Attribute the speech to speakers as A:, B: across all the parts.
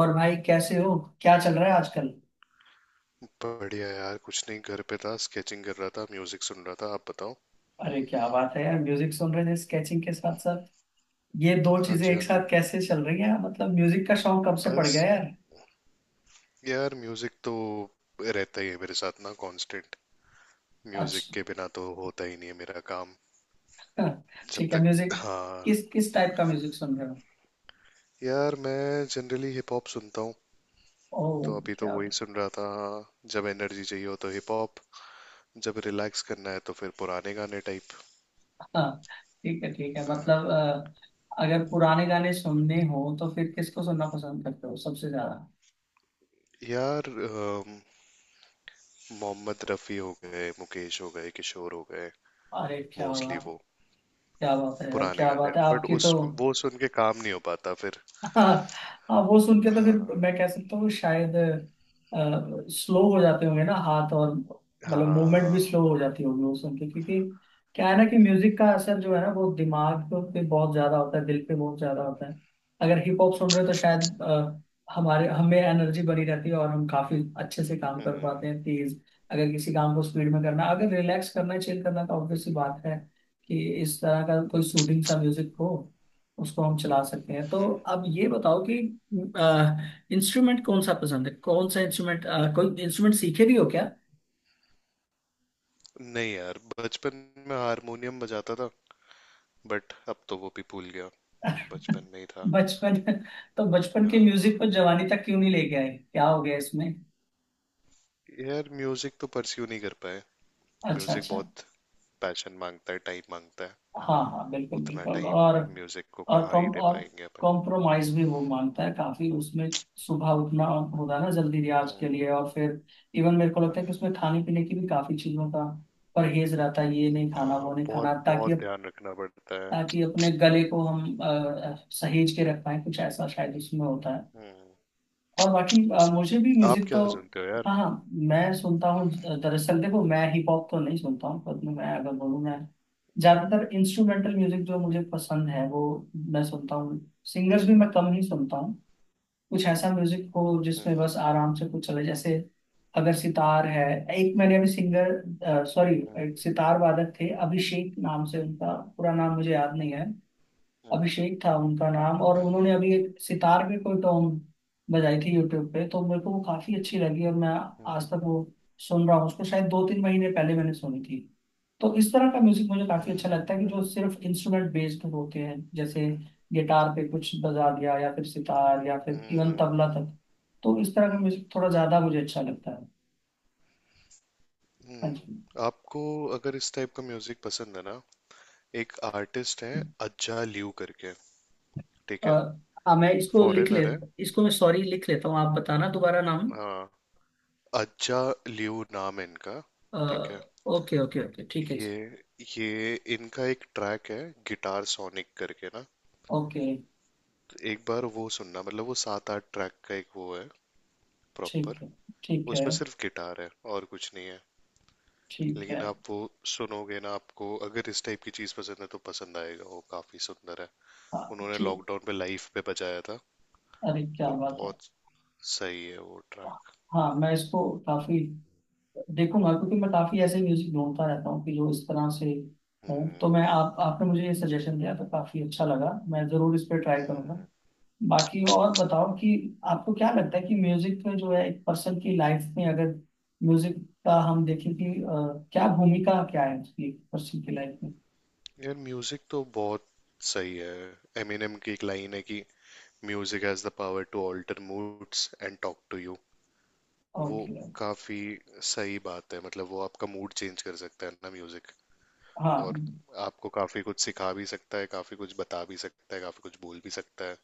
A: और भाई कैसे हो? क्या चल रहा है आजकल?
B: बढ़िया यार। कुछ नहीं, घर पे था, स्केचिंग कर रहा था, म्यूजिक सुन रहा था। आप बताओ।
A: अरे क्या बात है यार, म्यूजिक सुन रहे थे स्केचिंग के साथ साथ। ये दो
B: हाँ
A: चीजें
B: जी,
A: एक
B: हाँ जी।
A: साथ कैसे चल रही हैं? मतलब म्यूजिक का शौक कब से पड़ गया
B: बस।
A: यार?
B: यार, म्यूजिक तो रहता ही है मेरे साथ ना, कांस्टेंट। म्यूजिक
A: अच्छा।
B: के बिना तो होता ही नहीं है मेरा काम। जब
A: ठीक है,
B: तक।
A: म्यूजिक।
B: हाँ।
A: किस किस टाइप का म्यूजिक सुन रहे हो?
B: यार, मैं जनरली हिप हॉप सुनता हूँ।
A: ओ,
B: तो अभी तो
A: क्या
B: वही
A: बात।
B: सुन रहा था। जब एनर्जी चाहिए हो तो हिप हॉप। जब रिलैक्स करना है तो फिर पुराने गाने टाइप।
A: हाँ, ठीक है ठीक
B: अ,
A: है। मतलब अगर पुराने गाने सुनने हो तो फिर किसको सुनना पसंद करते हो सबसे ज्यादा?
B: यार, मोहम्मद रफ़ी हो गए, मुकेश हो गए, किशोर हो गए।
A: अरे क्या
B: मोस्टली
A: बात,
B: वो
A: क्या बात है यार,
B: पुराने
A: क्या
B: गाने।
A: बात है
B: बट
A: आपकी तो।
B: उस वो सुन के काम नहीं हो पाता फिर।
A: हाँ, हाँ वो सुन के तो फिर
B: हाँ।
A: मैं कह सकता हूँ शायद स्लो हो जाते होंगे ना हाथ, और मतलब मूवमेंट भी
B: हाँ।
A: स्लो हो जाती होगी वो सुन के, क्योंकि क्या है ना कि म्यूजिक का असर जो है ना वो दिमाग पे बहुत ज्यादा होता है, दिल पे बहुत ज्यादा होता है। अगर हिप हॉप सुन रहे हो तो शायद हमारे हमें एनर्जी बनी रहती है और हम काफी अच्छे से काम कर
B: हम्म।
A: पाते हैं, तेज। अगर किसी काम को स्पीड में करना, अगर रिलैक्स करना है, चिल करना, तो ऑब्वियस सी बात है कि इस तरह का कोई सूदिंग सा म्यूजिक हो, उसको हम चला सकते हैं। तो अब ये बताओ कि इंस्ट्रूमेंट कौन सा पसंद है? कौन सा इंस्ट्रूमेंट कोई इंस्ट्रूमेंट सीखे भी हो क्या?
B: नहीं यार, बचपन में हारमोनियम बजाता था। बट अब तो वो भी भूल गया। बचपन में ही था।
A: बचपन। तो बचपन के म्यूजिक
B: हाँ।
A: को जवानी तक क्यों नहीं ले गए? क्या हो गया इसमें?
B: यार, म्यूजिक तो परस्यू नहीं कर पाए।
A: अच्छा
B: म्यूजिक
A: अच्छा।
B: बहुत पैशन मांगता है, टाइम मांगता है।
A: हाँ हाँ, बिल्कुल
B: उतना
A: बिल्कुल।
B: टाइम म्यूजिक को
A: और
B: कहाँ
A: कॉम
B: ही दे
A: और
B: पाएंगे अपन।
A: कॉम्प्रोमाइज भी वो मांगता है काफी उसमें। सुबह उठना होता है ना जल्दी रियाज के
B: हम्म।
A: लिए, और फिर इवन मेरे को लगता है कि उसमें
B: हम्म।
A: खाने पीने की भी काफी चीजों का परहेज रहता है, ये नहीं खाना
B: हाँ,
A: वो नहीं खाना,
B: बहुत
A: ताकि
B: बहुत ध्यान रखना पड़ता है।
A: ताकि अपने गले को हम सहेज के रख पाए, कुछ ऐसा शायद उसमें होता है।
B: हम्म।
A: और बाकी मुझे भी
B: आप
A: म्यूजिक तो
B: क्या सुनते हो यार?
A: हाँ हाँ, मैं सुनता हूँ। दरअसल देखो,
B: हम्म।
A: मैं हिप हॉप तो नहीं सुनता हूँ, पर मैं अगर बोलूँ, मैं
B: हम्म।
A: ज्यादातर इंस्ट्रूमेंटल म्यूजिक जो
B: हम्म।
A: मुझे पसंद है वो मैं सुनता हूँ। सिंगर्स भी मैं कम ही सुनता हूँ। कुछ ऐसा म्यूजिक हो जिसमें
B: हम्म।
A: बस आराम से कुछ चले, जैसे अगर सितार है। एक मैंने अभी सिंगर सॉरी,
B: हम्म।
A: एक सितार वादक थे, अभिषेक नाम से। उनका पूरा नाम मुझे याद नहीं है,
B: हम्म।
A: अभिषेक था उनका नाम। और
B: हम्म।
A: उन्होंने
B: हम्म।
A: अभी एक सितार पे कोई टॉन्ग बजाई थी यूट्यूब पे, तो मेरे को वो काफी अच्छी लगी और मैं
B: हम्म।
A: आज तक वो सुन रहा हूँ उसको। शायद दो तीन महीने पहले मैंने सुनी थी। तो इस तरह का म्यूजिक मुझे काफी अच्छा लगता है कि
B: हम्म।
A: जो सिर्फ इंस्ट्रूमेंट बेस्ड होते हैं, जैसे गिटार पे कुछ बजा दिया, या फिर सितार, या फिर इवन तबला
B: हम्म।
A: तक। तो इस तरह का म्यूजिक थोड़ा ज्यादा मुझे अच्छा लगता है। हाँ जी।
B: हम्म। आपको अगर इस टाइप का म्यूजिक पसंद है ना, एक आर्टिस्ट है, अज्जा लियू करके। ठीक
A: अ,
B: है।
A: हाँ मैं इसको लिख ले।
B: फॉरेनर है।
A: इसको मैं सॉरी लिख लेता हूँ, आप बताना दोबारा नाम।
B: हाँ। अज्जा लियू नाम है इनका। ठीक है।
A: ओके ओके ओके, ठीक है।
B: ये ये इनका एक ट्रैक है, गिटार सोनिक करके ना।
A: ओके।
B: तो एक बार वो सुनना, मतलब वो सात आठ ट्रैक का एक वो है,
A: ठीक
B: प्रॉपर।
A: है ठीक है,
B: उसमें सिर्फ गिटार है, और कुछ नहीं है।
A: ठीक है।
B: लेकिन आप वो सुनोगे ना, आपको अगर इस टाइप की चीज पसंद है तो पसंद आएगा, वो काफी सुंदर है।
A: हाँ,
B: उन्होंने
A: ठीक।
B: लॉकडाउन पे लाइफ पे बजाया था।
A: अरे क्या
B: पर
A: बात है।
B: बहुत सही है वो
A: वाह।
B: ट्रैक।
A: हाँ मैं इसको काफी देखूंगा, क्योंकि मैं काफी ऐसे म्यूजिक ढूंढता रहता हूँ कि जो इस तरह से हों। तो
B: हम्म।
A: मैं आप आपने मुझे ये सजेशन दिया तो काफी अच्छा लगा, मैं जरूर इस पर ट्राई करूंगा।
B: हम्म।
A: बाकी और बताओ कि आपको क्या लगता है कि म्यूजिक में जो है, एक पर्सन की लाइफ में, अगर म्यूजिक का हम देखें कि क्या भूमिका क्या है उसकी पर्सन की लाइफ में?
B: यार, म्यूजिक तो बहुत सही है। एमिनेम की एक लाइन है कि music has the power to alter moods and talk to you. वो
A: ओके।
B: काफी सही बात है, मतलब वो आपका मूड चेंज कर सकता है ना म्यूजिक। और
A: हाँ।
B: आपको काफी कुछ सिखा भी सकता है, काफी कुछ बता भी सकता है, काफी कुछ बोल भी सकता है।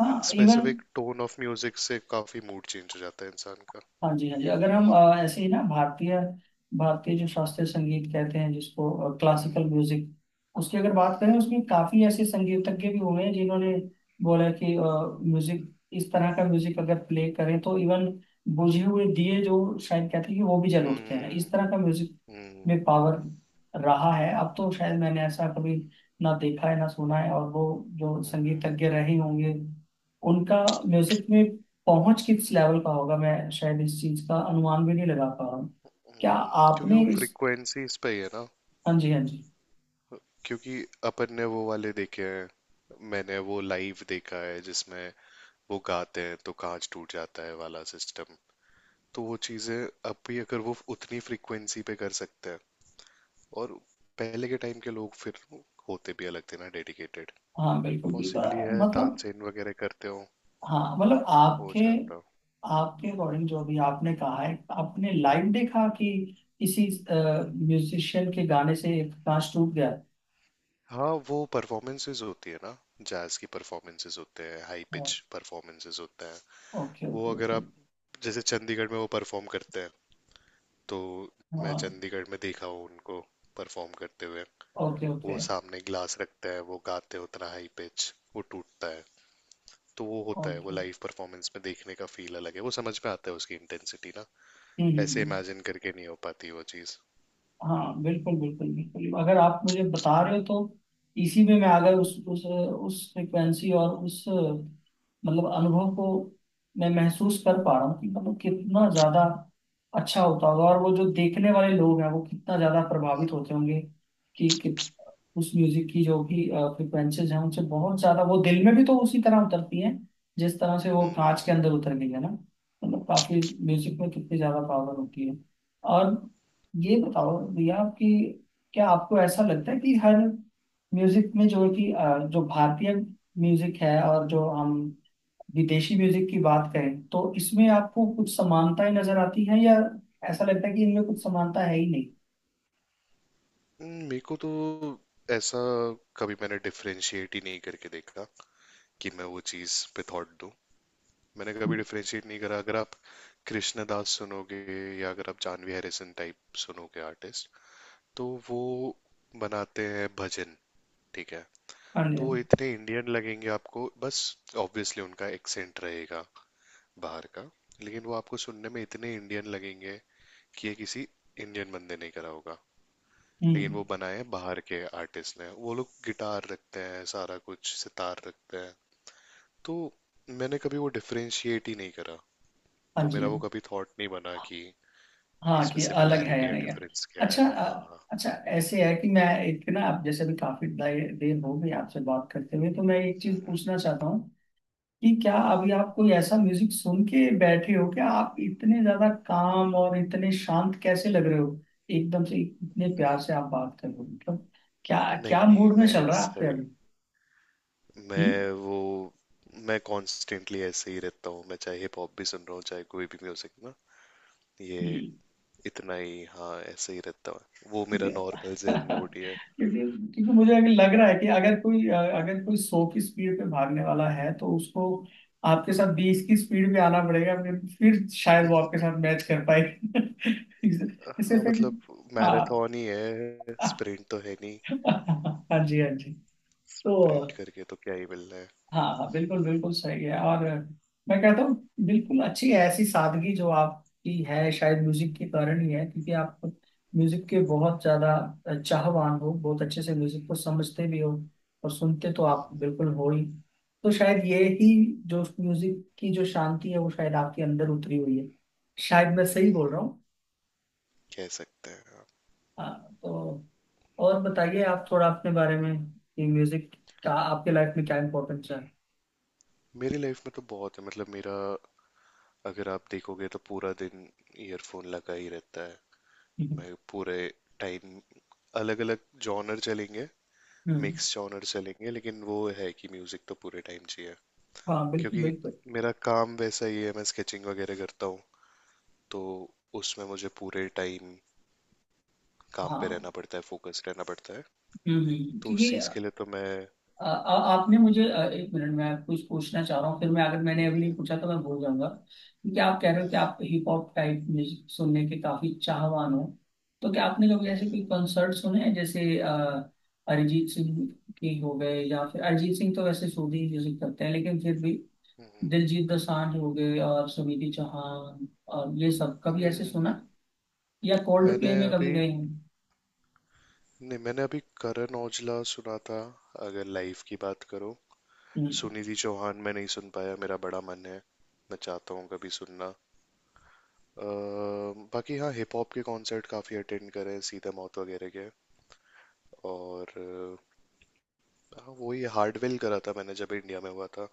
A: हाँ even.
B: Specific tone of music से काफी मूड चेंज हो जाता है इंसान का।
A: हाँ जी हाँ जी, अगर हम ऐसे ही ना भारतीय भारतीय जो शास्त्रीय संगीत कहते हैं, जिसको क्लासिकल
B: हम्म।
A: म्यूजिक, उसकी अगर बात करें,
B: हम्म।
A: उसमें काफी ऐसे संगीतज्ञ भी हुए हैं जिन्होंने बोला कि म्यूजिक, इस तरह का म्यूजिक अगर प्ले करें तो इवन बुझे हुए दिए जो शायद कहते हैं कि वो भी जल उठते हैं,
B: हम्म।
A: इस तरह का म्यूजिक
B: हम्म।
A: में पावर रहा है। अब तो शायद मैंने ऐसा कभी ना देखा है ना सुना है। और वो जो संगीतज्ञ रहे होंगे, उनका म्यूजिक में पहुंच किस लेवल का होगा, मैं शायद इस चीज का अनुमान भी नहीं लगा पा रहा हूँ। क्या
B: हम्म। क्योंकि
A: आपने
B: वो
A: इस,
B: फ्रिक्वेंसीज पे ही है ना।
A: हाँ जी हाँ जी।
B: क्योंकि अपन ने वो वाले देखे हैं, मैंने वो लाइव देखा है जिसमें वो गाते हैं तो कांच टूट जाता है वाला सिस्टम। तो वो चीजें अब भी, अगर वो उतनी फ्रिक्वेंसी पे कर सकते हैं, और पहले के टाइम के लोग फिर होते भी अलग थे ना, डेडिकेटेड।
A: हाँ बिल्कुल बिल्कुल,
B: पॉसिबली है,
A: मतलब।
B: तानसेन वगैरह करते हो
A: हाँ मतलब
B: हो
A: आपके
B: जाता।
A: आपके अकॉर्डिंग जो भी आपने कहा है, आपने लाइव देखा कि किसी म्यूजिशियन के गाने से एक कांच टूट गया।
B: हाँ, वो परफॉर्मेंसेज होती है ना, जैज की परफॉर्मेंसेज होते हैं, हाई पिच परफॉर्मेंसेज होते हैं।
A: ओके
B: वो
A: ओके
B: अगर
A: ओके।
B: आप, जैसे चंडीगढ़ में वो परफॉर्म करते हैं तो, मैं
A: हाँ।
B: चंडीगढ़ में देखा हूँ उनको परफॉर्म करते हुए।
A: ओके
B: वो
A: ओके
B: सामने ग्लास रखते हैं, वो गाते हैं उतना हाई पिच, वो टूटता है। तो वो होता है, वो
A: ओके।
B: लाइव परफॉर्मेंस में देखने का फील अलग है, वो समझ में आता है उसकी इंटेंसिटी ना।
A: हम्म हम्म,
B: ऐसे
A: हम्म।
B: इमेजिन करके नहीं हो पाती वो चीज़।
A: हाँ बिल्कुल बिल्कुल बिल्कुल, अगर आप मुझे बता रहे हो तो इसी में मैं अगर उस फ्रिक्वेंसी और उस मतलब अनुभव को मैं महसूस कर पा रहा हूँ कि मतलब कितना ज्यादा अच्छा होता होगा, और वो जो देखने वाले लोग हैं वो कितना ज्यादा प्रभावित होते होंगे कि उस म्यूजिक की जो कि फ्रिक्वेंसीज हैं, उनसे बहुत ज्यादा वो दिल में भी तो उसी तरह उतरती हैं जिस तरह से वो कांच के
B: हम्म।
A: अंदर उतर गई है ना। मतलब काफी, म्यूजिक में कितनी ज्यादा पावर होती है। और ये बताओ भैया कि क्या आपको ऐसा लगता है कि हर म्यूजिक में जो है कि जो भारतीय म्यूजिक है, और जो हम विदेशी म्यूजिक की बात करें, तो इसमें आपको कुछ समानताएं नजर आती हैं, या ऐसा लगता है कि इनमें कुछ समानता है ही नहीं?
B: हम्म। मेरे को तो ऐसा कभी मैंने डिफरेंशिएट ही नहीं करके देखा कि मैं वो चीज़ पे थॉट दूं। मैंने कभी डिफरेंशिएट नहीं करा। अगर आप कृष्णदास सुनोगे, या अगर आप जानवी हैरिसन टाइप सुनोगे आर्टिस्ट, तो वो बनाते हैं भजन। ठीक है।
A: हाँ जी।
B: तो वो इतने इंडियन लगेंगे आपको, बस ऑब्वियसली उनका एक्सेंट रहेगा बाहर का, लेकिन वो आपको सुनने में इतने इंडियन लगेंगे कि ये किसी इंडियन बंदे ने करा होगा। लेकिन वो
A: हम्म।
B: बनाए हैं बाहर के आर्टिस्ट ने। वो लोग गिटार रखते हैं, सारा कुछ सितार रखते हैं। तो मैंने कभी वो डिफरेंशिएट ही नहीं करा।
A: हाँ
B: तो
A: जी।
B: मेरा वो कभी थॉट नहीं बना कि
A: हाँ
B: इसमें
A: कि अलग है या
B: सिमिलैरिटी या
A: नहीं है।
B: डिफरेंस क्या
A: अच्छा
B: है। हाँ।
A: अच्छा ऐसे है कि मैं एक ना, आप जैसे भी काफी देर हो गई आपसे बात करते हुए, तो मैं एक चीज
B: हम्म।
A: पूछना चाहता हूँ कि क्या
B: हम्म।
A: अभी आप कोई ऐसा म्यूजिक सुन के बैठे हो? क्या आप इतने ज्यादा काम और इतने शांत कैसे लग रहे हो? एकदम से इतने प्यार से आप बात कर रहे हो, मतलब क्या, क्या
B: नहीं नहीं,
A: मूड में
B: मैं
A: चल रहा है
B: ऐसा
A: आपके
B: ही।
A: अभी? हम्म?
B: मैं वो, मैं कॉन्स्टेंटली ऐसे ही रहता हूँ। मैं चाहे हिप हॉप भी सुन रहा हूँ, चाहे कोई भी म्यूजिक ना। ये
A: हम्म,
B: इतना ही। हाँ, ऐसे ही रहता हूँ, वो मेरा
A: क्योंकि
B: नॉर्मल जेन मोड ही है।
A: क्योंकि क्योंकि मुझे अभी लग रहा है कि अगर कोई, अगर कोई 100 की स्पीड पे भागने वाला है, तो उसको आपके साथ 20 की स्पीड पे आना पड़ेगा, फिर शायद वो आपके साथ मैच कर पाए। इसे इसे
B: हाँ
A: फिर।
B: मतलब
A: हाँ।
B: मैराथन ही है,
A: हाँ
B: स्प्रिंट तो है नहीं।
A: जी हाँ जी। तो
B: प्रिंट करके तो क्या ही मिलना है।
A: हाँ हाँ, बिल्कुल बिल्कुल सही है। और मैं कहता हूँ बिल्कुल अच्छी है ऐसी सादगी जो आपकी है, शायद म्यूजिक के कारण ही है, क्योंकि आप म्यूजिक के बहुत ज्यादा चाहवान हो, बहुत अच्छे से म्यूजिक को समझते भी हो, और सुनते तो आप
B: हम्म।
A: बिल्कुल हो ही। तो शायद ये ही जो म्यूजिक की जो शांति है वो शायद आपके अंदर उतरी हुई है। शायद मैं सही बोल
B: हम्म,
A: रहा हूँ।
B: कह सकते हैं।
A: हाँ, तो और बताइए आप थोड़ा अपने बारे में कि म्यूजिक का आपके लाइफ में क्या इम्पोर्टेंस है?
B: मेरी लाइफ में तो बहुत है, मतलब मेरा, अगर आप देखोगे तो पूरा दिन ईयरफोन लगा ही रहता है।
A: हम्म
B: मैं पूरे टाइम अलग अलग जॉनर चलेंगे,
A: हम्म।
B: मिक्स जॉनर चलेंगे, लेकिन वो है कि म्यूजिक तो पूरे टाइम चाहिए।
A: हाँ बिल्कुल
B: क्योंकि
A: बिल्कुल।
B: मेरा काम वैसा ही है, मैं स्केचिंग वगैरह करता हूँ। तो उसमें मुझे पूरे टाइम काम पे
A: हाँ।
B: रहना पड़ता है, फोकस रहना पड़ता है। तो उस
A: क्योंकि
B: चीज के लिए तो मैं।
A: आ, आपने मुझे 1 मिनट, मैं कुछ पूछना चाह रहा हूँ, फिर मैं, अगर मैंने अभी नहीं
B: हम्म।
A: पूछा तो मैं भूल जाऊंगा। क्योंकि आप कह रहे हो कि
B: हम्म।
A: आप हिप हॉप टाइप म्यूजिक सुनने के काफी चाहवान हो, तो क्या आपने कभी
B: हम्म।
A: ऐसे कोई
B: हम्म।
A: कंसर्ट सुने हैं, जैसे अरिजीत सिंह के हो गए, या फिर अरिजीत सिंह तो वैसे सूदी म्यूजिक करते हैं लेकिन फिर भी, दिलजीत दोसांझ हो गए, और सुनिधि चौहान, और ये सब
B: हम्म।
A: कभी ऐसे
B: हम्म। हम्म।
A: सुना, या कोल्ड
B: मैंने
A: प्ले में कभी
B: अभी,
A: गए हैं?
B: नहीं मैंने अभी करण औजला सुना था, अगर लाइव की बात करो।
A: हम्म,
B: सुनिधि चौहान मैं नहीं सुन पाया, मेरा बड़ा मन है, मैं चाहता हूँ कभी सुनना। अ, बाकी हाँ, हिप हॉप के कॉन्सर्ट काफ़ी अटेंड करे, सीधा माउथ वगैरह के। और हाँ वही हार्डवेल करा था मैंने जब इंडिया में हुआ था।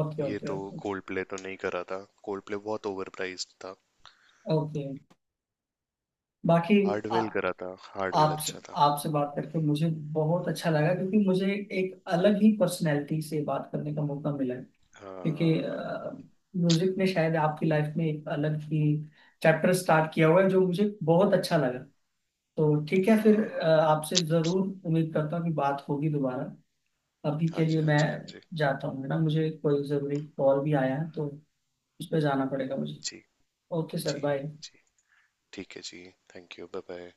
A: ओके
B: ये तो
A: ओके
B: कोल्ड प्ले तो नहीं करा था। कोल्ड प्ले बहुत ओवर प्राइस्ड था।
A: ओके। बाकी आ-
B: हार्डवेल करा था, हार्डवेल
A: आपसे
B: अच्छा था।
A: आपसे बात करके मुझे बहुत अच्छा लगा, क्योंकि मुझे एक अलग ही पर्सनैलिटी से बात करने का मौका मिला है। क्योंकि
B: हाँ।
A: म्यूजिक ने शायद आपकी लाइफ में एक अलग ही चैप्टर स्टार्ट किया हुआ है, जो मुझे बहुत अच्छा लगा। तो ठीक है फिर,
B: हाँ।
A: आपसे जरूर उम्मीद करता हूँ कि बात होगी दोबारा। अभी
B: हाँ
A: के लिए
B: जी, हाँ
A: मैं
B: जी, हाँ जी।
A: जाता हूँ, है ना, मुझे कोई जरूरी कॉल भी आया है तो उस पर जाना पड़ेगा मुझे।
B: जी।
A: ओके सर,
B: जी।
A: बाय।
B: जी ठीक है जी। Thank you. Bye bye.